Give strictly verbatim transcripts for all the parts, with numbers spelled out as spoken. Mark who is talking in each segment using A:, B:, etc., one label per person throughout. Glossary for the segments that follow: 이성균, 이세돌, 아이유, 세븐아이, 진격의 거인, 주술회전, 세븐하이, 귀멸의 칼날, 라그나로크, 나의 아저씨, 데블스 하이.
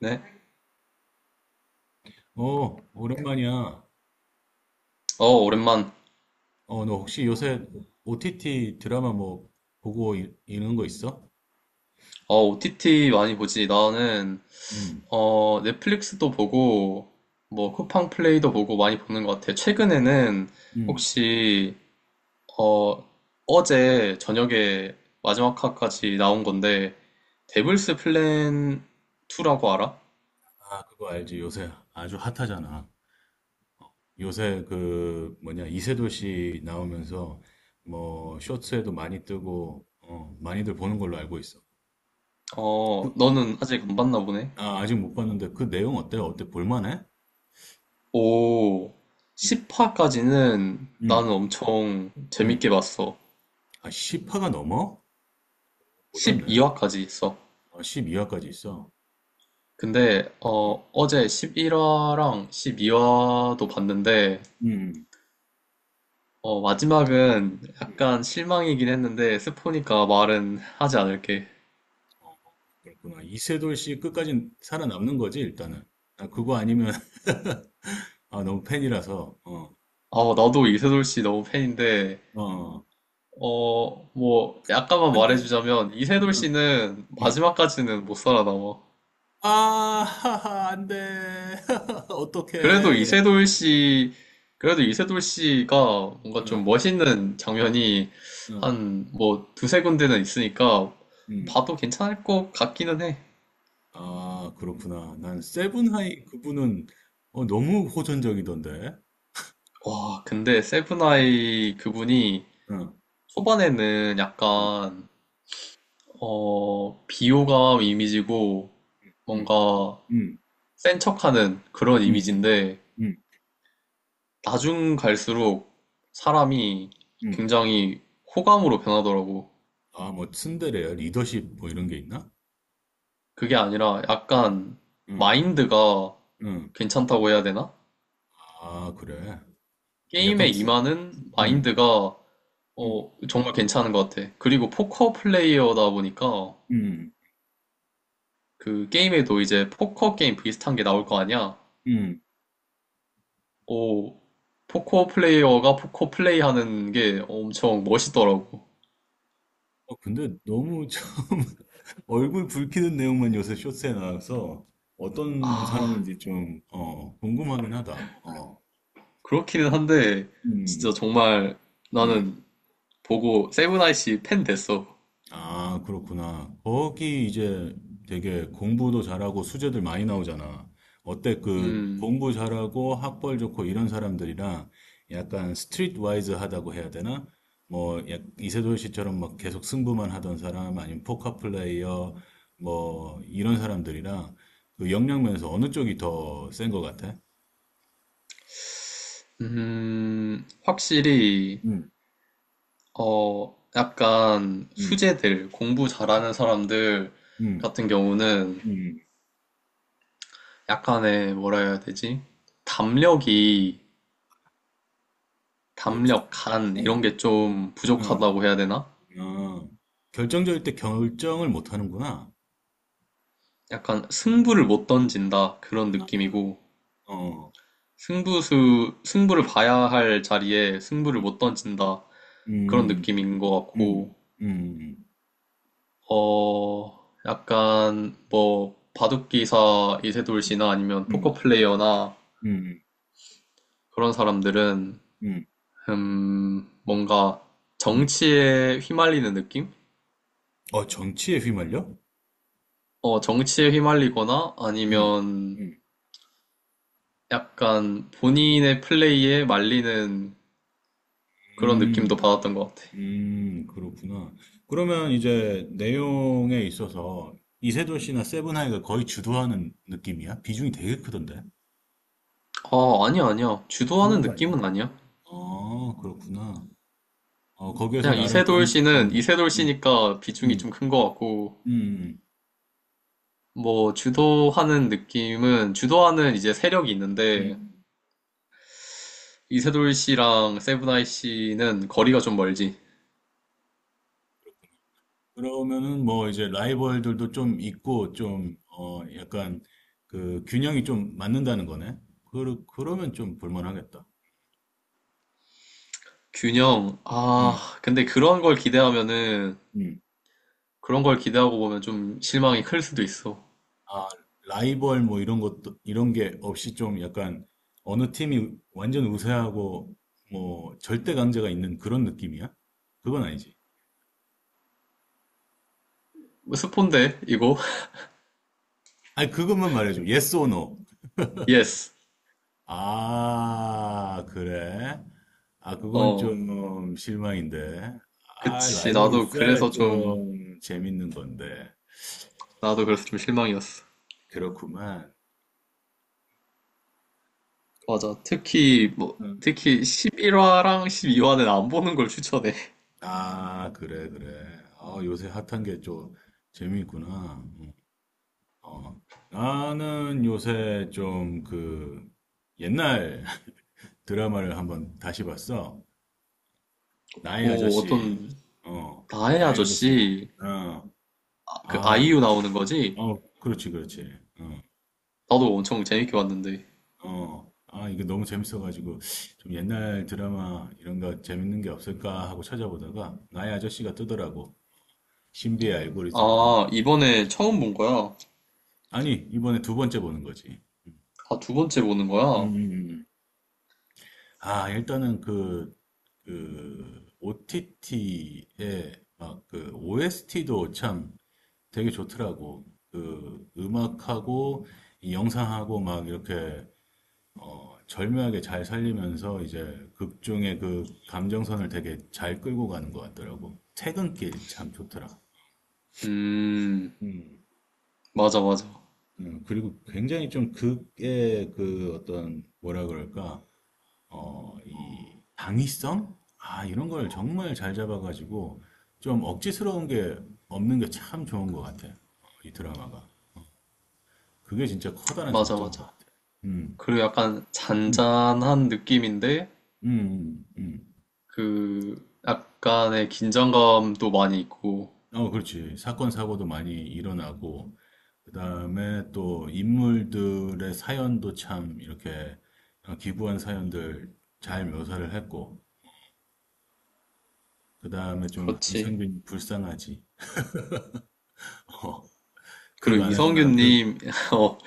A: 네.
B: 어, 오랜만이야.
A: 어, 오랜만.
B: 어, 너 혹시 요새 오티티 드라마 뭐 보고 이- 는거 있어?
A: 어, 오티티 많이 보지. 나는,
B: 응,
A: 어, 넷플릭스도 보고, 뭐, 쿠팡 플레이도 보고 많이 보는 것 같아. 최근에는
B: 응.
A: 혹시, 어, 어제 저녁에 마지막 화까지 나온 건데, 데블스 플랜 이라고 알아?
B: 아, 그거 알지. 요새 아주 핫하잖아. 요새 그 뭐냐, 이세돌 씨 나오면서 뭐 쇼츠에도 많이 뜨고, 어, 많이들 보는 걸로 알고 있어.
A: 어, 너는 아직 안 봤나 보네.
B: 아, 아직 못 봤는데 그 내용 어때? 어때? 볼만해?
A: 오,
B: 응,
A: 십 화까지는
B: 응,
A: 나는 엄청
B: 응.
A: 재밌게 봤어.
B: 아, 십 화가 넘어? 몰랐네.
A: 십이 화까지 있어.
B: 아, 십이 화까지 있어.
A: 근데
B: 응,
A: 어, 어제 십일 화랑 십이 화도 봤는데
B: 응,
A: 어, 마지막은
B: 응.
A: 약간 실망이긴 했는데 스포니까 말은 하지 않을게.
B: 그렇구나. 이세돌 씨 끝까지 살아남는 거지, 일단은. 나 그거 아니면, 아, 너무 팬이라서, 어,
A: 어, 나도 이세돌 씨 너무 팬인데
B: 어,
A: 어, 뭐 약간만
B: 안 돼.
A: 말해주자면 이세돌
B: 어,
A: 씨는
B: 응.
A: 마지막까지는 못 살아남아.
B: 아, 하하, 안 돼.
A: 그래도
B: 어떡해.
A: 이세돌 씨 그래도 이세돌 씨가 뭔가
B: 응,
A: 좀 멋있는 장면이
B: 응,
A: 한 뭐 두세 군데는 있으니까
B: 응.
A: 봐도 괜찮을 것 같기는 해.
B: 아, 그렇구나. 난 세븐하이 그분은, 어, 너무 호전적이던데.
A: 와, 근데 세븐아이 그분이
B: 응,
A: 초반에는
B: 응,
A: 약간, 어, 비호감 이미지고
B: 응,
A: 뭔가
B: 응,
A: 센 척하는 그런
B: 응,
A: 이미지인데,
B: 응,
A: 나중 갈수록 사람이
B: 응.
A: 굉장히 호감으로 변하더라고.
B: 아, 뭐, 츤데레야? 리더십, 뭐, 이런 게 있나?
A: 그게 아니라
B: 응,
A: 약간
B: 응,
A: 마인드가
B: 응.
A: 괜찮다고 해야 되나?
B: 아, 그래.
A: 게임에
B: 약간 쿨,
A: 임하는
B: 음,
A: 마인드가
B: 음,
A: 어, 정말 괜찮은 것 같아. 그리고 포커 플레이어다 보니까
B: 음,
A: 그 게임에도 이제 포커 게임 비슷한 게 나올 거 아니야?
B: 음.
A: 오, 포커 플레이어가 포커 플레이 하는 게 엄청 멋있더라고.
B: 어, 근데 너무 참 얼굴 붉히는 내용만 요새 쇼츠에 나와서 어떤
A: 아,
B: 사람인지 좀, 어, 궁금하긴 하다. 어,
A: 그렇기는 한데, 진짜
B: 음,
A: 정말
B: 음.
A: 나는 보고 세븐아이씨 팬 됐어.
B: 아, 그렇구나. 거기 이제 되게 공부도 잘하고 수제들 많이 나오잖아. 어때? 그
A: 음,
B: 공부 잘하고 학벌 좋고 이런 사람들이랑 약간 스트리트 와이즈하다고 해야 되나? 뭐 약- 이세돌 씨처럼 막 계속 승부만 하던 사람 아니면 포커 플레이어 뭐 이런 사람들이랑 그 역량 면에서 어느 쪽이 더 센 것 같아?
A: 음, 확실히,
B: 음.
A: 어, 약간
B: 음,
A: 수재들, 공부 잘하는 사람들
B: 음,
A: 같은 경우는
B: 음,
A: 약간의 뭐라 해야 되지? 담력이
B: 그렇군.
A: 담력, 간
B: 음.
A: 이런 게 좀
B: 음,
A: 부족하다고 해야 되나?
B: 어, 결정적일 때 결정을 못 하는구나.
A: 약간 승부를 못 던진다 그런
B: 아,
A: 느낌이고
B: 어.
A: 승부수 승부를 봐야 할 자리에 승부를
B: 음.
A: 못 던진다 그런
B: 음.
A: 느낌인 것
B: 음.
A: 같고
B: 음.
A: 어 약간 뭐 바둑기사 이세돌
B: 음.
A: 씨나 아니면
B: 음.
A: 포커 플레이어나
B: 음. 음.
A: 그런 사람들은
B: 음,
A: 음 뭔가
B: 음.
A: 정치에 휘말리는 느낌?
B: 어, 정치에 휘말려?
A: 어 정치에 휘말리거나
B: 음.
A: 아니면
B: 음.
A: 약간 본인의 플레이에 말리는 그런 느낌도
B: 음.
A: 받았던 것 같아.
B: 음. 음, 그렇구나. 그러면 이제 내용에 있어서 이세돌 씨나 세븐하이가 거의 주도하는 느낌이야? 비중이 되게 크던데.
A: 아, 아니야, 아니야.
B: 그건
A: 주도하는
B: 또 아니야.
A: 느낌은 아니야.
B: 아, 그렇구나. 어, 거기에서
A: 그냥
B: 나름 병,
A: 이세돌 씨는
B: 음,
A: 이세돌
B: 음,
A: 씨니까 비중이
B: 음,
A: 좀 큰 것 같고,
B: 음,
A: 뭐, 주도하는 느낌은, 주도하는 이제 세력이
B: 음,
A: 있는데,
B: 음.
A: 이세돌 씨랑 세븐아이 씨는 거리가 좀 멀지.
B: 그러면은 뭐 이제 라이벌들도 좀 있고 좀 어 약간 그 균형이 좀 맞는다는 거네. 그러 그러면 좀 볼만하겠다.
A: 균형, 아,
B: 음,
A: 근데 그런 걸 기대하면은,
B: 음.
A: 그런 걸 기대하고 보면 좀 실망이 클 수도 있어.
B: 아, 라이벌 뭐 이런 것도 이런 게 없이 좀 약간 어느 팀이 완전 우세하고 뭐 절대 강자가 있는 그런 느낌이야? 그건 아니지.
A: 뭐 스폰데, 이거?
B: 아니 그것만 말해줘. Yes or no.
A: 예스.
B: 아, 그래? 아, 그건
A: 어.
B: 좀 음, 실망인데. 아,
A: 그치,
B: 라이벌이
A: 나도
B: 있어야
A: 그래서 좀,
B: 좀 재밌는 건데.
A: 나도 그래서 좀 실망이었어.
B: 그렇구만.
A: 맞아. 특히, 뭐,
B: 응.
A: 특히 십일 화랑 십이 화는 안 보는 걸 추천해.
B: 아, 그래, 그래. 아, 요새 핫한 게 좀 재미있구나. 음, 어. 나는 요새 좀 그 옛날 드라마를 한번 다시 봤어. 나의
A: 오, 어떤,
B: 아저씨.
A: 음,
B: 어,
A: 나의
B: 나의 아저씨.
A: 아저씨,
B: 어,
A: 아, 그
B: 아,
A: 아이유 나오는 거지?
B: 어, 그렇지, 그렇지. 어.
A: 나도 엄청 재밌게 봤는데.
B: 어, 아, 이거 너무 재밌어가지고, 좀 옛날 드라마 이런 거 재밌는 게 없을까 하고 찾아보다가, 나의 아저씨가 뜨더라고. 신비의 알고리즘으로.
A: 아, 이번에 처음 본 거야.
B: 아니, 이번에 두 번째 보는 거지.
A: 아, 두 번째 보는
B: 음,
A: 거야.
B: 음, 음. 아, 일단은 그, 그, 오티티에 막 그 오에스티도 참 되게 좋더라고. 그 음악하고 이 영상하고 막 이렇게 어, 절묘하게 잘 살리면서 이제 극중의 그 감정선을 되게 잘 끌고 가는 것 같더라고. 퇴근길 참 좋더라.
A: 음,
B: 음.
A: 맞아, 맞아.
B: 음, 그리고 굉장히 좀 극의 그 어떤 뭐라 그럴까 어, 이 당위성? 아, 이런 걸 정말 잘 잡아가지고 좀 억지스러운 게 없는 게 참 좋은 것 같아. 어, 이 드라마가. 그게 진짜 커다란
A: 맞아,
B: 장점인 것
A: 맞아.
B: 같아. 음,
A: 그리고 약간
B: 음,
A: 잔잔한 느낌인데,
B: 음, 음, 음.
A: 그, 약간의 긴장감도 많이 있고,
B: 어, 그렇지. 사건, 사고도 많이 일어나고, 그 다음에 또 인물들의 사연도 참 이렇게 기부한 사연들 잘 묘사를 했고, 그 다음에 좀
A: 그렇지.
B: 이상균이 불쌍하지. 어, 극
A: 그리고
B: 안에서나, 극,
A: 이성균님, 어,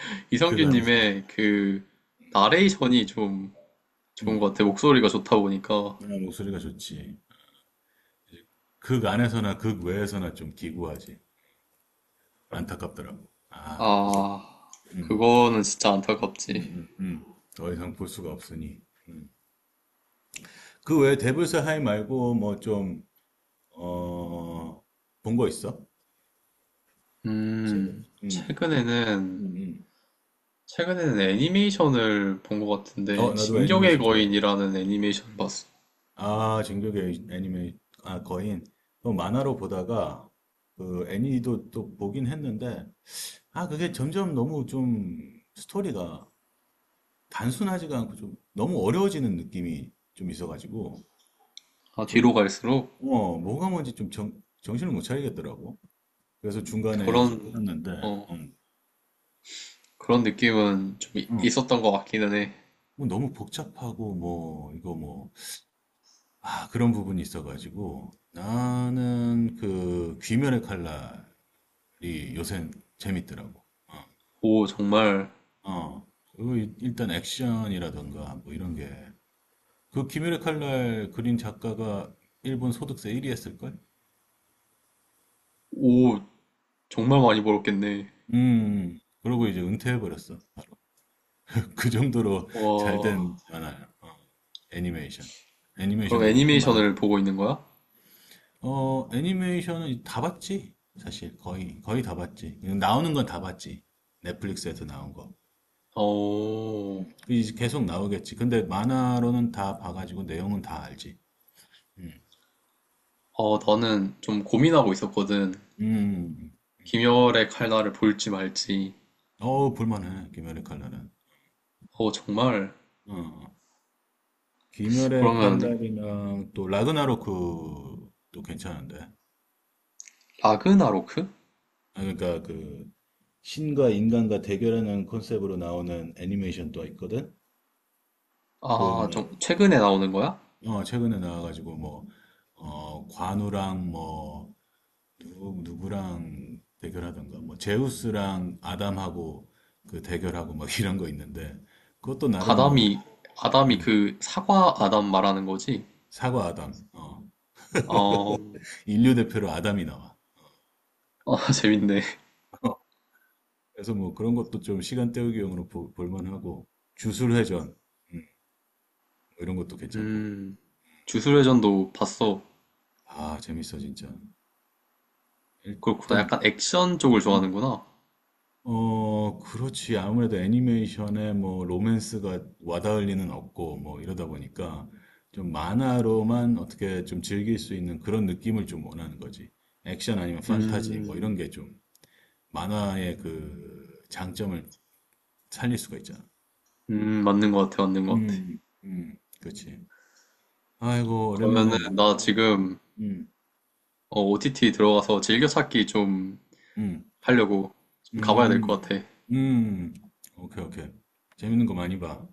B: 극 안에서나,
A: 이성균님의 그 나레이션이 좀 좋은
B: 음,
A: 것 같아. 목소리가 좋다 보니까.
B: 아, 목소리가 좋지. 극 안에서나, 극 외에서나 좀 기구하지. 안타깝더라고. 아, 이제,
A: 아,
B: 음,
A: 그거는 진짜
B: 음,
A: 안타깝지.
B: 음, 음. 더 이상 볼 수가 없으니. 음. 그 외에 데블스 하이 말고 뭐좀 어, 본 거 있어? 최근에.
A: 음,
B: 음,
A: 최근에는,
B: 음, 음.
A: 최근에는 애니메이션을 본 것
B: 어,
A: 같은데,
B: 나도
A: 진격의
B: 애니메이션 좋아해.
A: 거인이라는 애니메이션을 봤어.
B: 아, 진격의 애니메이, 아, 거인. 그 만화로 보다가, 그 애니도 또 보긴 했는데, 아, 그게 점점 너무 좀 스토리가 단순하지가 않고 좀 너무 어려워지는 느낌이 좀 있어가지고,
A: 아,
B: 좀,
A: 뒤로 갈수록
B: 어, 뭐가 뭔지 좀 정, 정신을 못 차리겠더라고. 그래서 중간에 이제
A: 그런,
B: 끊었는데,
A: 어,
B: 음,
A: 그런 느낌은 좀 이-
B: 음.
A: 있었던 것 같기는 해.
B: 뭐 너무 복잡하고, 뭐, 이거 뭐, 아, 그런 부분이 있어가지고 나는 그 귀멸의 칼날이 요샌 재밌더라고.
A: 오, 정말,
B: 어, 어. 그리고 일- 일단 액션이라던가 뭐 이런 게. 그 귀멸의 칼날 그린 작가가 일본 소득세 일 위 했을걸?
A: 오, 정말 많이 벌었겠네.
B: 음, 그러고 이제 은퇴해버렸어. 그 정도로 잘
A: 와.
B: 된 만화야. 어, 애니메이션.
A: 그럼
B: 애니메이션도 그렇고 만화도
A: 애니메이션을
B: 그렇고.
A: 보고 있는 거야?
B: 어, 애니메이션은 다 봤지? 사실 거의 거의 다 봤지. 나오는 건 다 봤지. 넷플릭스에서 나온 거.
A: 어,
B: 이제 계속 나오겠지. 근데 만화로는 다 봐가지고 내용은 다 알지. 음,
A: 어, 나는 좀 고민하고 있었거든.
B: 음.
A: 김열의 칼날을 볼지 말지.
B: 어우 볼만해. 귀멸의 칼날은.
A: 어, 정말.
B: 어, 귀멸의
A: 그러면
B: 칼날이랑 또 라그나로크도 괜찮은데.
A: 라그나로크?
B: 아, 그러니까 그 신과 인간과 대결하는 컨셉으로 나오는 애니메이션도 있거든. 그
A: 아,
B: 뭐
A: 좀 최근에 나오는 거야?
B: 어, 최근에 나와가지고 뭐 어, 관우랑 뭐 누구 누구랑 대결하던가 뭐 제우스랑 아담하고 그 대결하고 막 이런 거 있는데 그것도 나름 뭐.
A: 아담이, 아담이
B: 음,
A: 그 사과 아담 말하는 거지?
B: 사과 아담, 어,
A: 어, 아,
B: 인류 대표로 아담이 나와.
A: 재밌네.
B: 그래서 뭐 그런 것도 좀 시간 때우기용으로 보- 볼만하고 주술회전 음, 뭐 이런 것도 괜찮고.
A: 음, 주술회전도 봤어.
B: 아, 재밌어 진짜.
A: 그렇구나.
B: 일단
A: 약간 액션 쪽을
B: 음.
A: 좋아하는구나.
B: 어, 그렇지. 아무래도 애니메이션에 뭐 로맨스가 와닿을 리는 없고 뭐 이러다 보니까 좀 만화로만 어떻게 좀 즐길 수 있는 그런 느낌을 좀 원하는 거지. 액션 아니면 판타지 뭐 이런
A: 음,
B: 게 좀 만화의 그 장점을 살릴 수가 있잖아.
A: 음, 맞는 것 같아, 맞는 것 같아.
B: 음, 음, 그렇지. 아이고, 오랜만에
A: 그러면은
B: 막,
A: 나 지금
B: 음,
A: 어, 오티티 들어가서 즐겨찾기 좀
B: 음,
A: 하려고 좀 가봐야 될 것
B: 음,
A: 같아.
B: 음. 오케이, 오케이. 재밌는 거 많이 봐.